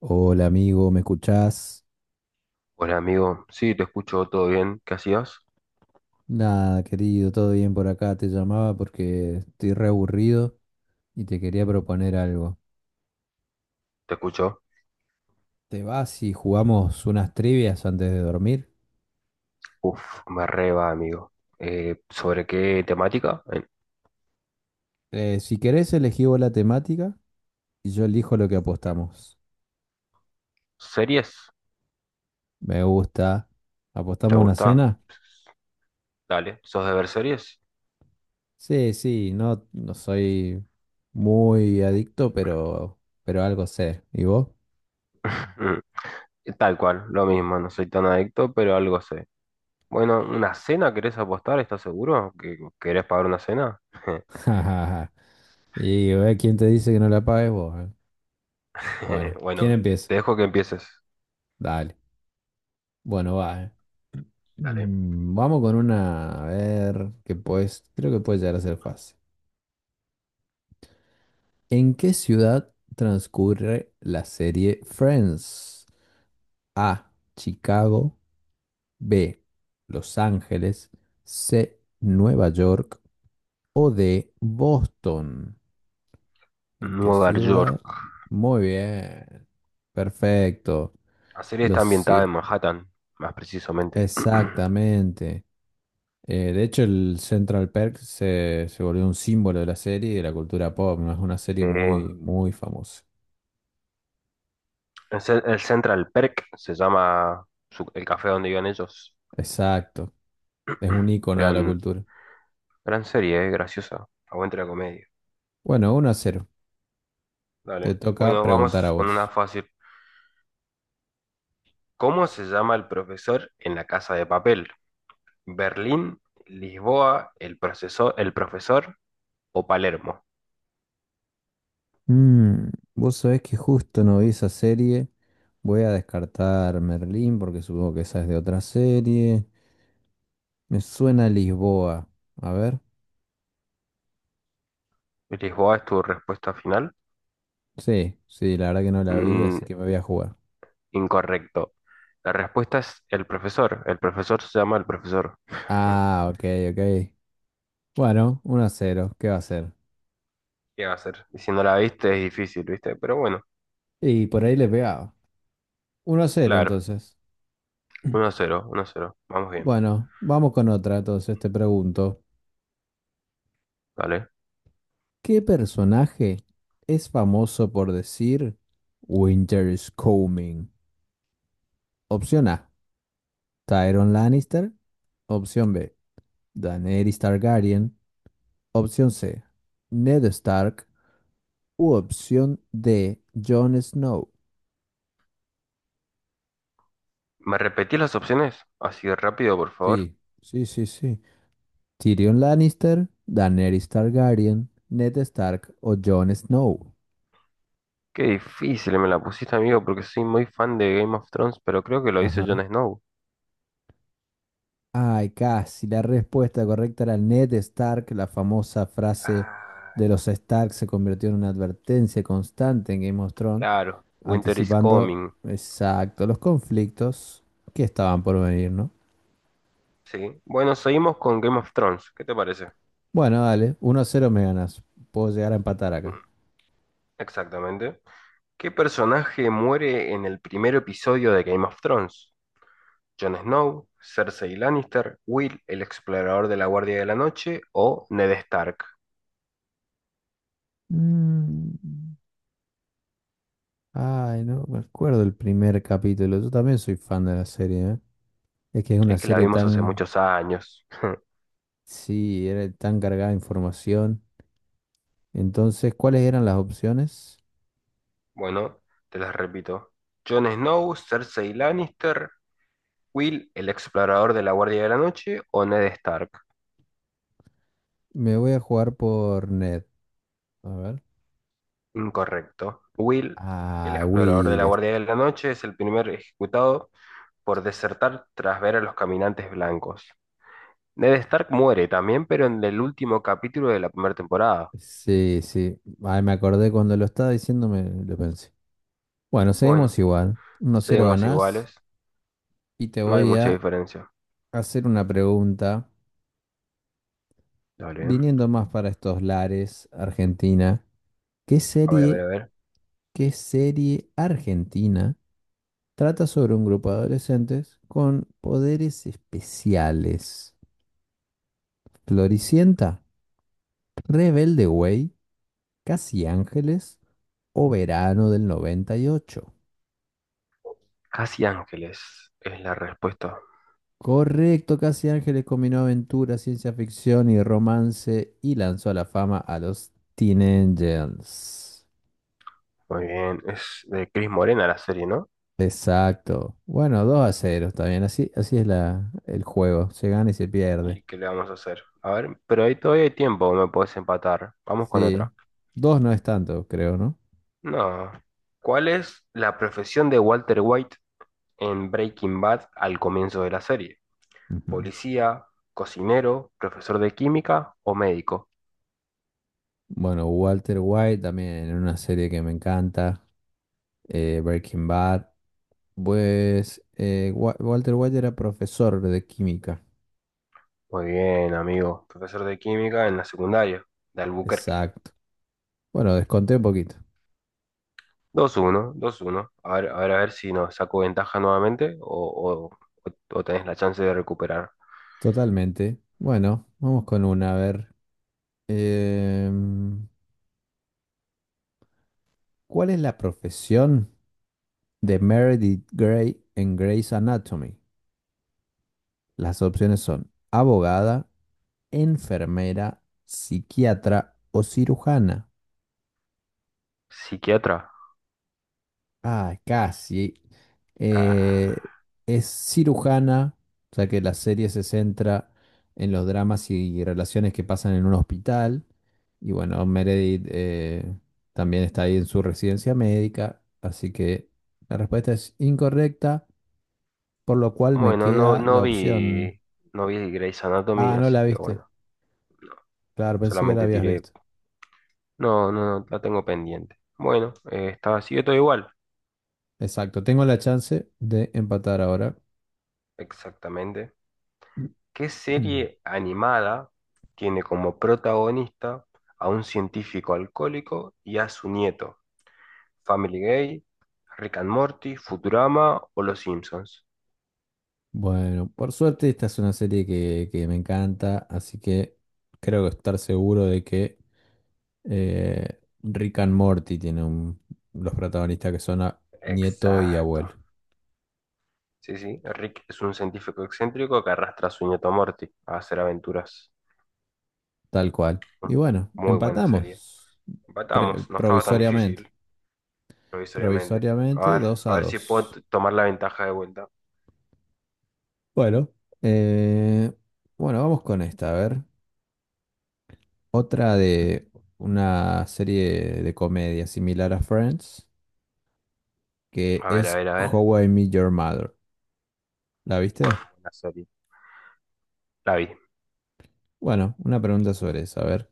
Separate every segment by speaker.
Speaker 1: Hola amigo, ¿me escuchás?
Speaker 2: Hola amigo, sí, te escucho, todo bien, ¿qué hacías?
Speaker 1: Nada, querido, todo bien por acá. Te llamaba porque estoy re aburrido y te quería proponer algo.
Speaker 2: ¿Te escucho?
Speaker 1: ¿Te vas y jugamos unas trivias antes de dormir?
Speaker 2: Uf, me reba amigo. ¿Sobre qué temática?
Speaker 1: Si querés, elegí vos la temática y yo elijo lo que apostamos.
Speaker 2: ¿Series?
Speaker 1: Me gusta.
Speaker 2: ¿Te
Speaker 1: ¿Apostamos una
Speaker 2: gusta?
Speaker 1: cena?
Speaker 2: Dale, ¿sos de ver series?
Speaker 1: Sí, sí, no, no soy muy adicto, pero algo sé. ¿Y vos?
Speaker 2: Mm, tal cual, lo mismo, no soy tan adicto, pero algo sé. Bueno, ¿una cena querés apostar? ¿Estás seguro? ¿Que querés pagar una cena?
Speaker 1: Y ¿quién te dice que no la pagues vos, eh? Bueno, ¿quién
Speaker 2: Bueno,
Speaker 1: empieza?
Speaker 2: te dejo que empieces.
Speaker 1: Dale. Bueno, va.
Speaker 2: Dale.
Speaker 1: Vamos con una, a ver, que pues, creo que puede llegar a ser fácil. ¿En qué ciudad transcurre la serie Friends? A, Chicago, B, Los Ángeles, C, Nueva York o D, Boston. ¿En qué
Speaker 2: Nueva York.
Speaker 1: ciudad? Muy bien. Perfecto.
Speaker 2: La serie está
Speaker 1: Los,
Speaker 2: ambientada en
Speaker 1: sí,
Speaker 2: Manhattan, más precisamente.
Speaker 1: exactamente. De hecho, el Central Perk se volvió un símbolo de la serie y de la cultura pop, ¿no? Es una
Speaker 2: Sí.
Speaker 1: serie muy, muy famosa.
Speaker 2: El Central Perk se llama el café donde iban ellos.
Speaker 1: Exacto, es un icono de la
Speaker 2: Gran,
Speaker 1: cultura.
Speaker 2: gran serie, graciosa. Aguante la comedia.
Speaker 1: Bueno, 1 a 0. Te
Speaker 2: Dale.
Speaker 1: toca
Speaker 2: Bueno,
Speaker 1: preguntar a
Speaker 2: vamos con una
Speaker 1: vos.
Speaker 2: fácil. ¿Cómo se llama el profesor en la casa de papel? ¿Berlín, Lisboa, el profesor o Palermo?
Speaker 1: Mm, vos sabés que justo no vi esa serie. Voy a descartar Merlín porque supongo que esa es de otra serie. Me suena Lisboa. A ver.
Speaker 2: ¿Lisboa es tu respuesta final?
Speaker 1: Sí, sí, la verdad que no la vi,
Speaker 2: Mm,
Speaker 1: así que me voy a jugar.
Speaker 2: incorrecto. La respuesta es el profesor. El profesor se llama el profesor.
Speaker 1: Ah, ok, ok. Bueno, uno a cero. ¿Qué va a hacer?
Speaker 2: ¿Qué va a hacer? Y si no la viste es difícil, ¿viste? Pero bueno,
Speaker 1: Y por ahí le pegaba. 1 a 0
Speaker 2: claro,
Speaker 1: entonces.
Speaker 2: uno a 0, 1 a 0. Vamos bien,
Speaker 1: Bueno, vamos con otra entonces, te pregunto.
Speaker 2: ¿vale?
Speaker 1: ¿Qué personaje es famoso por decir Winter is coming? Opción A, Tyrion Lannister. Opción B, Daenerys Targaryen. Opción C, Ned Stark. U opción D, Jon Snow.
Speaker 2: ¿Me repetís las opciones? Así de rápido, por favor.
Speaker 1: Sí, sí, sí, sí. Tyrion Lannister, Daenerys Targaryen, Ned Stark o Jon Snow.
Speaker 2: Qué difícil me la pusiste, amigo, porque soy muy fan de Game of Thrones, pero creo que lo hizo
Speaker 1: Ajá.
Speaker 2: Jon Snow.
Speaker 1: Ay, casi. La respuesta correcta era Ned Stark. La famosa frase
Speaker 2: Ah,
Speaker 1: de los Stark se convirtió en una advertencia constante en Game of Thrones,
Speaker 2: claro. Winter is
Speaker 1: anticipando
Speaker 2: coming.
Speaker 1: exacto los conflictos que estaban por venir, ¿no?
Speaker 2: Sí. Bueno, seguimos con Game of Thrones. ¿Qué te parece?
Speaker 1: Bueno, dale, 1 a 0 me ganas. Puedo llegar a empatar acá.
Speaker 2: Exactamente. ¿Qué personaje muere en el primer episodio de Game of Thrones? ¿Jon Snow, Cersei Lannister, Will, el explorador de la Guardia de la Noche o Ned Stark?
Speaker 1: Mm, Ay, no me acuerdo el primer capítulo. Yo también soy fan de la serie, ¿eh? Es que es una
Speaker 2: Es que la
Speaker 1: serie
Speaker 2: vimos hace
Speaker 1: tan,
Speaker 2: muchos años.
Speaker 1: sí, era tan cargada de información. Entonces, ¿cuáles eran las opciones?
Speaker 2: Bueno, te las repito. Jon Snow, Cersei Lannister, Will, el explorador de la Guardia de la Noche o Ned Stark.
Speaker 1: Me voy a jugar por Ned. A ver.
Speaker 2: Incorrecto. Will, el
Speaker 1: Ah,
Speaker 2: explorador de
Speaker 1: Will.
Speaker 2: la
Speaker 1: Es-
Speaker 2: Guardia de la Noche, es el primer ejecutado por desertar tras ver a los caminantes blancos. Ned Stark muere también, pero en el último capítulo de la primera temporada.
Speaker 1: Sí, sí. Ay, me acordé cuando lo estaba diciendo, me lo pensé. Bueno,
Speaker 2: Bueno,
Speaker 1: seguimos igual. 1 a 0
Speaker 2: seguimos
Speaker 1: ganás.
Speaker 2: iguales.
Speaker 1: Y te
Speaker 2: No hay
Speaker 1: voy
Speaker 2: mucha
Speaker 1: a
Speaker 2: diferencia.
Speaker 1: hacer una pregunta.
Speaker 2: Dale. ¿Eh?
Speaker 1: Viniendo más para estos lares, Argentina. ¿Qué
Speaker 2: A ver, a ver,
Speaker 1: serie,
Speaker 2: a ver.
Speaker 1: ¿qué serie argentina trata sobre un grupo de adolescentes con poderes especiales? ¿Floricienta? ¿Rebelde Way? ¿Casi Ángeles? O verano del 98.
Speaker 2: Casi Ángeles es la respuesta.
Speaker 1: Correcto, Casi Ángeles combinó aventura, ciencia ficción y romance y lanzó a la fama a los Teen Angels.
Speaker 2: Muy bien, es de Cris Morena la serie, ¿no?
Speaker 1: Exacto. Bueno, 2 a 0, está bien. Así, así es la, el juego. Se gana y se
Speaker 2: ¿Y
Speaker 1: pierde.
Speaker 2: qué le vamos a hacer? A ver, pero ahí todavía hay tiempo, me podés empatar. Vamos con
Speaker 1: Sí.
Speaker 2: otra.
Speaker 1: Dos no es tanto, creo, ¿no?
Speaker 2: No. ¿Cuál es la profesión de Walter White en Breaking Bad al comienzo de la serie?
Speaker 1: Ujú.
Speaker 2: ¿Policía, cocinero, profesor de química o médico?
Speaker 1: Bueno, Walter White también en una serie que me encanta, Breaking Bad. Pues Walter White era profesor de química.
Speaker 2: Muy bien, amigo. Profesor de química en la secundaria de Albuquerque.
Speaker 1: Exacto. Bueno, desconté un poquito.
Speaker 2: Dos uno, dos uno. A ver, a ver, a ver si nos saco ventaja nuevamente o o tenés la chance de recuperar.
Speaker 1: Totalmente. Bueno, vamos con una. A ver. Em, ¿Cuál es la profesión de Meredith Grey en Grey's Anatomy? Las opciones son abogada, enfermera, psiquiatra o cirujana.
Speaker 2: ¿Psiquiatra?
Speaker 1: Ah, casi. Eh,
Speaker 2: Ah.
Speaker 1: es cirujana, o sea que la serie se centra en los dramas y relaciones que pasan en un hospital. Y bueno, Meredith también está ahí en su residencia médica, así que la respuesta es incorrecta, por lo cual me
Speaker 2: Bueno,
Speaker 1: queda
Speaker 2: no
Speaker 1: la opción.
Speaker 2: vi, no vi Grey's
Speaker 1: Ah,
Speaker 2: Anatomy,
Speaker 1: no la
Speaker 2: así que
Speaker 1: viste.
Speaker 2: bueno,
Speaker 1: Claro, pensé que la
Speaker 2: solamente
Speaker 1: habías
Speaker 2: tiré.
Speaker 1: visto.
Speaker 2: No, no, no, la tengo pendiente. Bueno, estaba así, yo todo igual.
Speaker 1: Exacto, tengo la chance de empatar ahora.
Speaker 2: Exactamente. ¿Qué serie animada tiene como protagonista a un científico alcohólico y a su nieto? ¿Family Guy, Rick and Morty, Futurama o Los Simpsons?
Speaker 1: Bueno, por suerte esta es una serie que me encanta, así que creo que estar seguro de que Rick and Morty tiene un- los protagonistas que son a- nieto y
Speaker 2: Exacto.
Speaker 1: abuelo,
Speaker 2: Sí, sí, Rick es un científico excéntrico que arrastra a su nieto Morty a hacer aventuras.
Speaker 1: tal cual.
Speaker 2: Mm,
Speaker 1: Y bueno,
Speaker 2: muy buena serie.
Speaker 1: empatamos pre-
Speaker 2: Empatamos, no estaba tan
Speaker 1: provisoriamente,
Speaker 2: difícil, provisoriamente.
Speaker 1: provisoriamente 2
Speaker 2: A
Speaker 1: a
Speaker 2: ver si puedo
Speaker 1: 2.
Speaker 2: tomar la ventaja de vuelta.
Speaker 1: Bueno, eh, bueno, vamos con esta, a ver, otra de una serie de comedia similar a Friends, que
Speaker 2: A ver, a
Speaker 1: es
Speaker 2: ver, a ver.
Speaker 1: How I Met Your Mother. ¿La
Speaker 2: Bueno,
Speaker 1: viste?
Speaker 2: buena serie. La vi.
Speaker 1: Bueno, una pregunta sobre eso. A ver,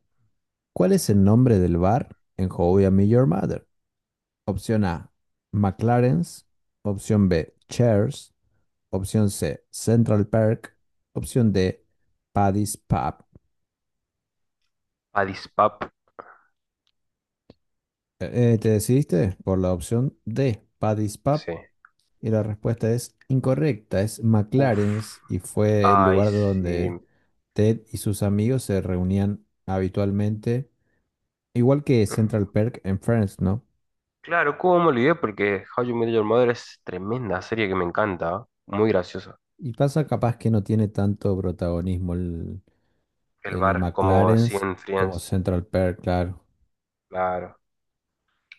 Speaker 1: ¿cuál es el nombre del bar en How I Met Your Mother? Opción A, McLaren's. Opción B, Cheers. Opción C, Central Park. Opción D, Paddy's Pub.
Speaker 2: Addis Pap,
Speaker 1: ¿Te decidiste por la opción D, Paddy's Pub?
Speaker 2: sí.
Speaker 1: Y la respuesta es incorrecta, es
Speaker 2: Uf.
Speaker 1: McLaren's y fue el
Speaker 2: Ay,
Speaker 1: lugar
Speaker 2: sí.
Speaker 1: donde Ted y sus amigos se reunían habitualmente, igual que Central Park en Friends, ¿no?
Speaker 2: Claro, ¿cómo me olvidé? Porque How You Met Your Mother es tremenda serie que me encanta. Muy graciosa.
Speaker 1: Y pasa capaz que no tiene tanto protagonismo
Speaker 2: El
Speaker 1: el
Speaker 2: bar, como
Speaker 1: McLaren
Speaker 2: sí en
Speaker 1: como
Speaker 2: Friends.
Speaker 1: Central Perk, claro.
Speaker 2: Claro.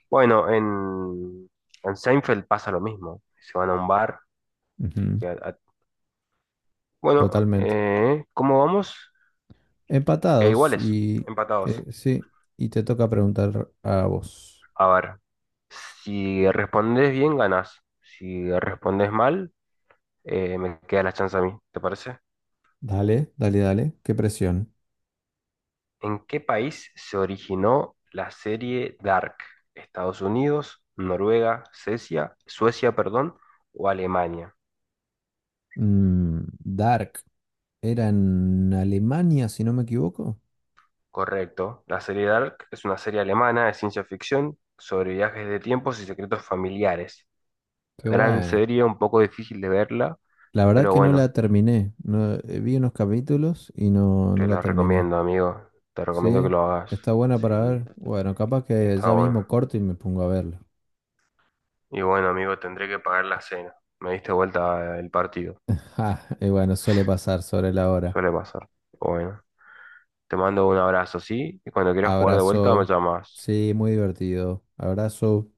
Speaker 2: Bueno, en Seinfeld pasa lo mismo. Se van a un bar.
Speaker 1: Ujú,
Speaker 2: Y bueno,
Speaker 1: totalmente.
Speaker 2: ¿cómo vamos?
Speaker 1: Empatados
Speaker 2: Iguales,
Speaker 1: y
Speaker 2: empatados.
Speaker 1: sí, y te toca preguntar a vos.
Speaker 2: A ver, si respondes bien, ganás. Si respondes mal, me queda la chance a mí, ¿te parece?
Speaker 1: Dale, dale, dale. Qué presión.
Speaker 2: ¿En qué país se originó la serie Dark? ¿Estados Unidos, Noruega, Suecia, Suecia, perdón, o Alemania?
Speaker 1: Dark era en Alemania, si no me equivoco.
Speaker 2: Correcto. La serie Dark es una serie alemana de ciencia ficción sobre viajes de tiempos y secretos familiares.
Speaker 1: Qué
Speaker 2: Gran
Speaker 1: bueno.
Speaker 2: serie, un poco difícil de verla,
Speaker 1: La verdad
Speaker 2: pero
Speaker 1: que no
Speaker 2: bueno,
Speaker 1: la terminé. No, vi unos capítulos y no, no
Speaker 2: te
Speaker 1: la
Speaker 2: la
Speaker 1: terminé.
Speaker 2: recomiendo, amigo. Te recomiendo que
Speaker 1: Sí,
Speaker 2: lo hagas.
Speaker 1: está buena para
Speaker 2: Sí,
Speaker 1: ver. Bueno, capaz que
Speaker 2: está
Speaker 1: ya
Speaker 2: bueno.
Speaker 1: mismo corto y me pongo a verlo.
Speaker 2: Y bueno, amigo, tendré que pagar la cena. Me diste vuelta el partido.
Speaker 1: Ja, y bueno, suele pasar sobre la hora.
Speaker 2: Suele pasar. Bueno, te mando un abrazo, ¿sí? Y cuando quieras jugar de vuelta, me
Speaker 1: Abrazo.
Speaker 2: llamas.
Speaker 1: Sí, muy divertido. Abrazo.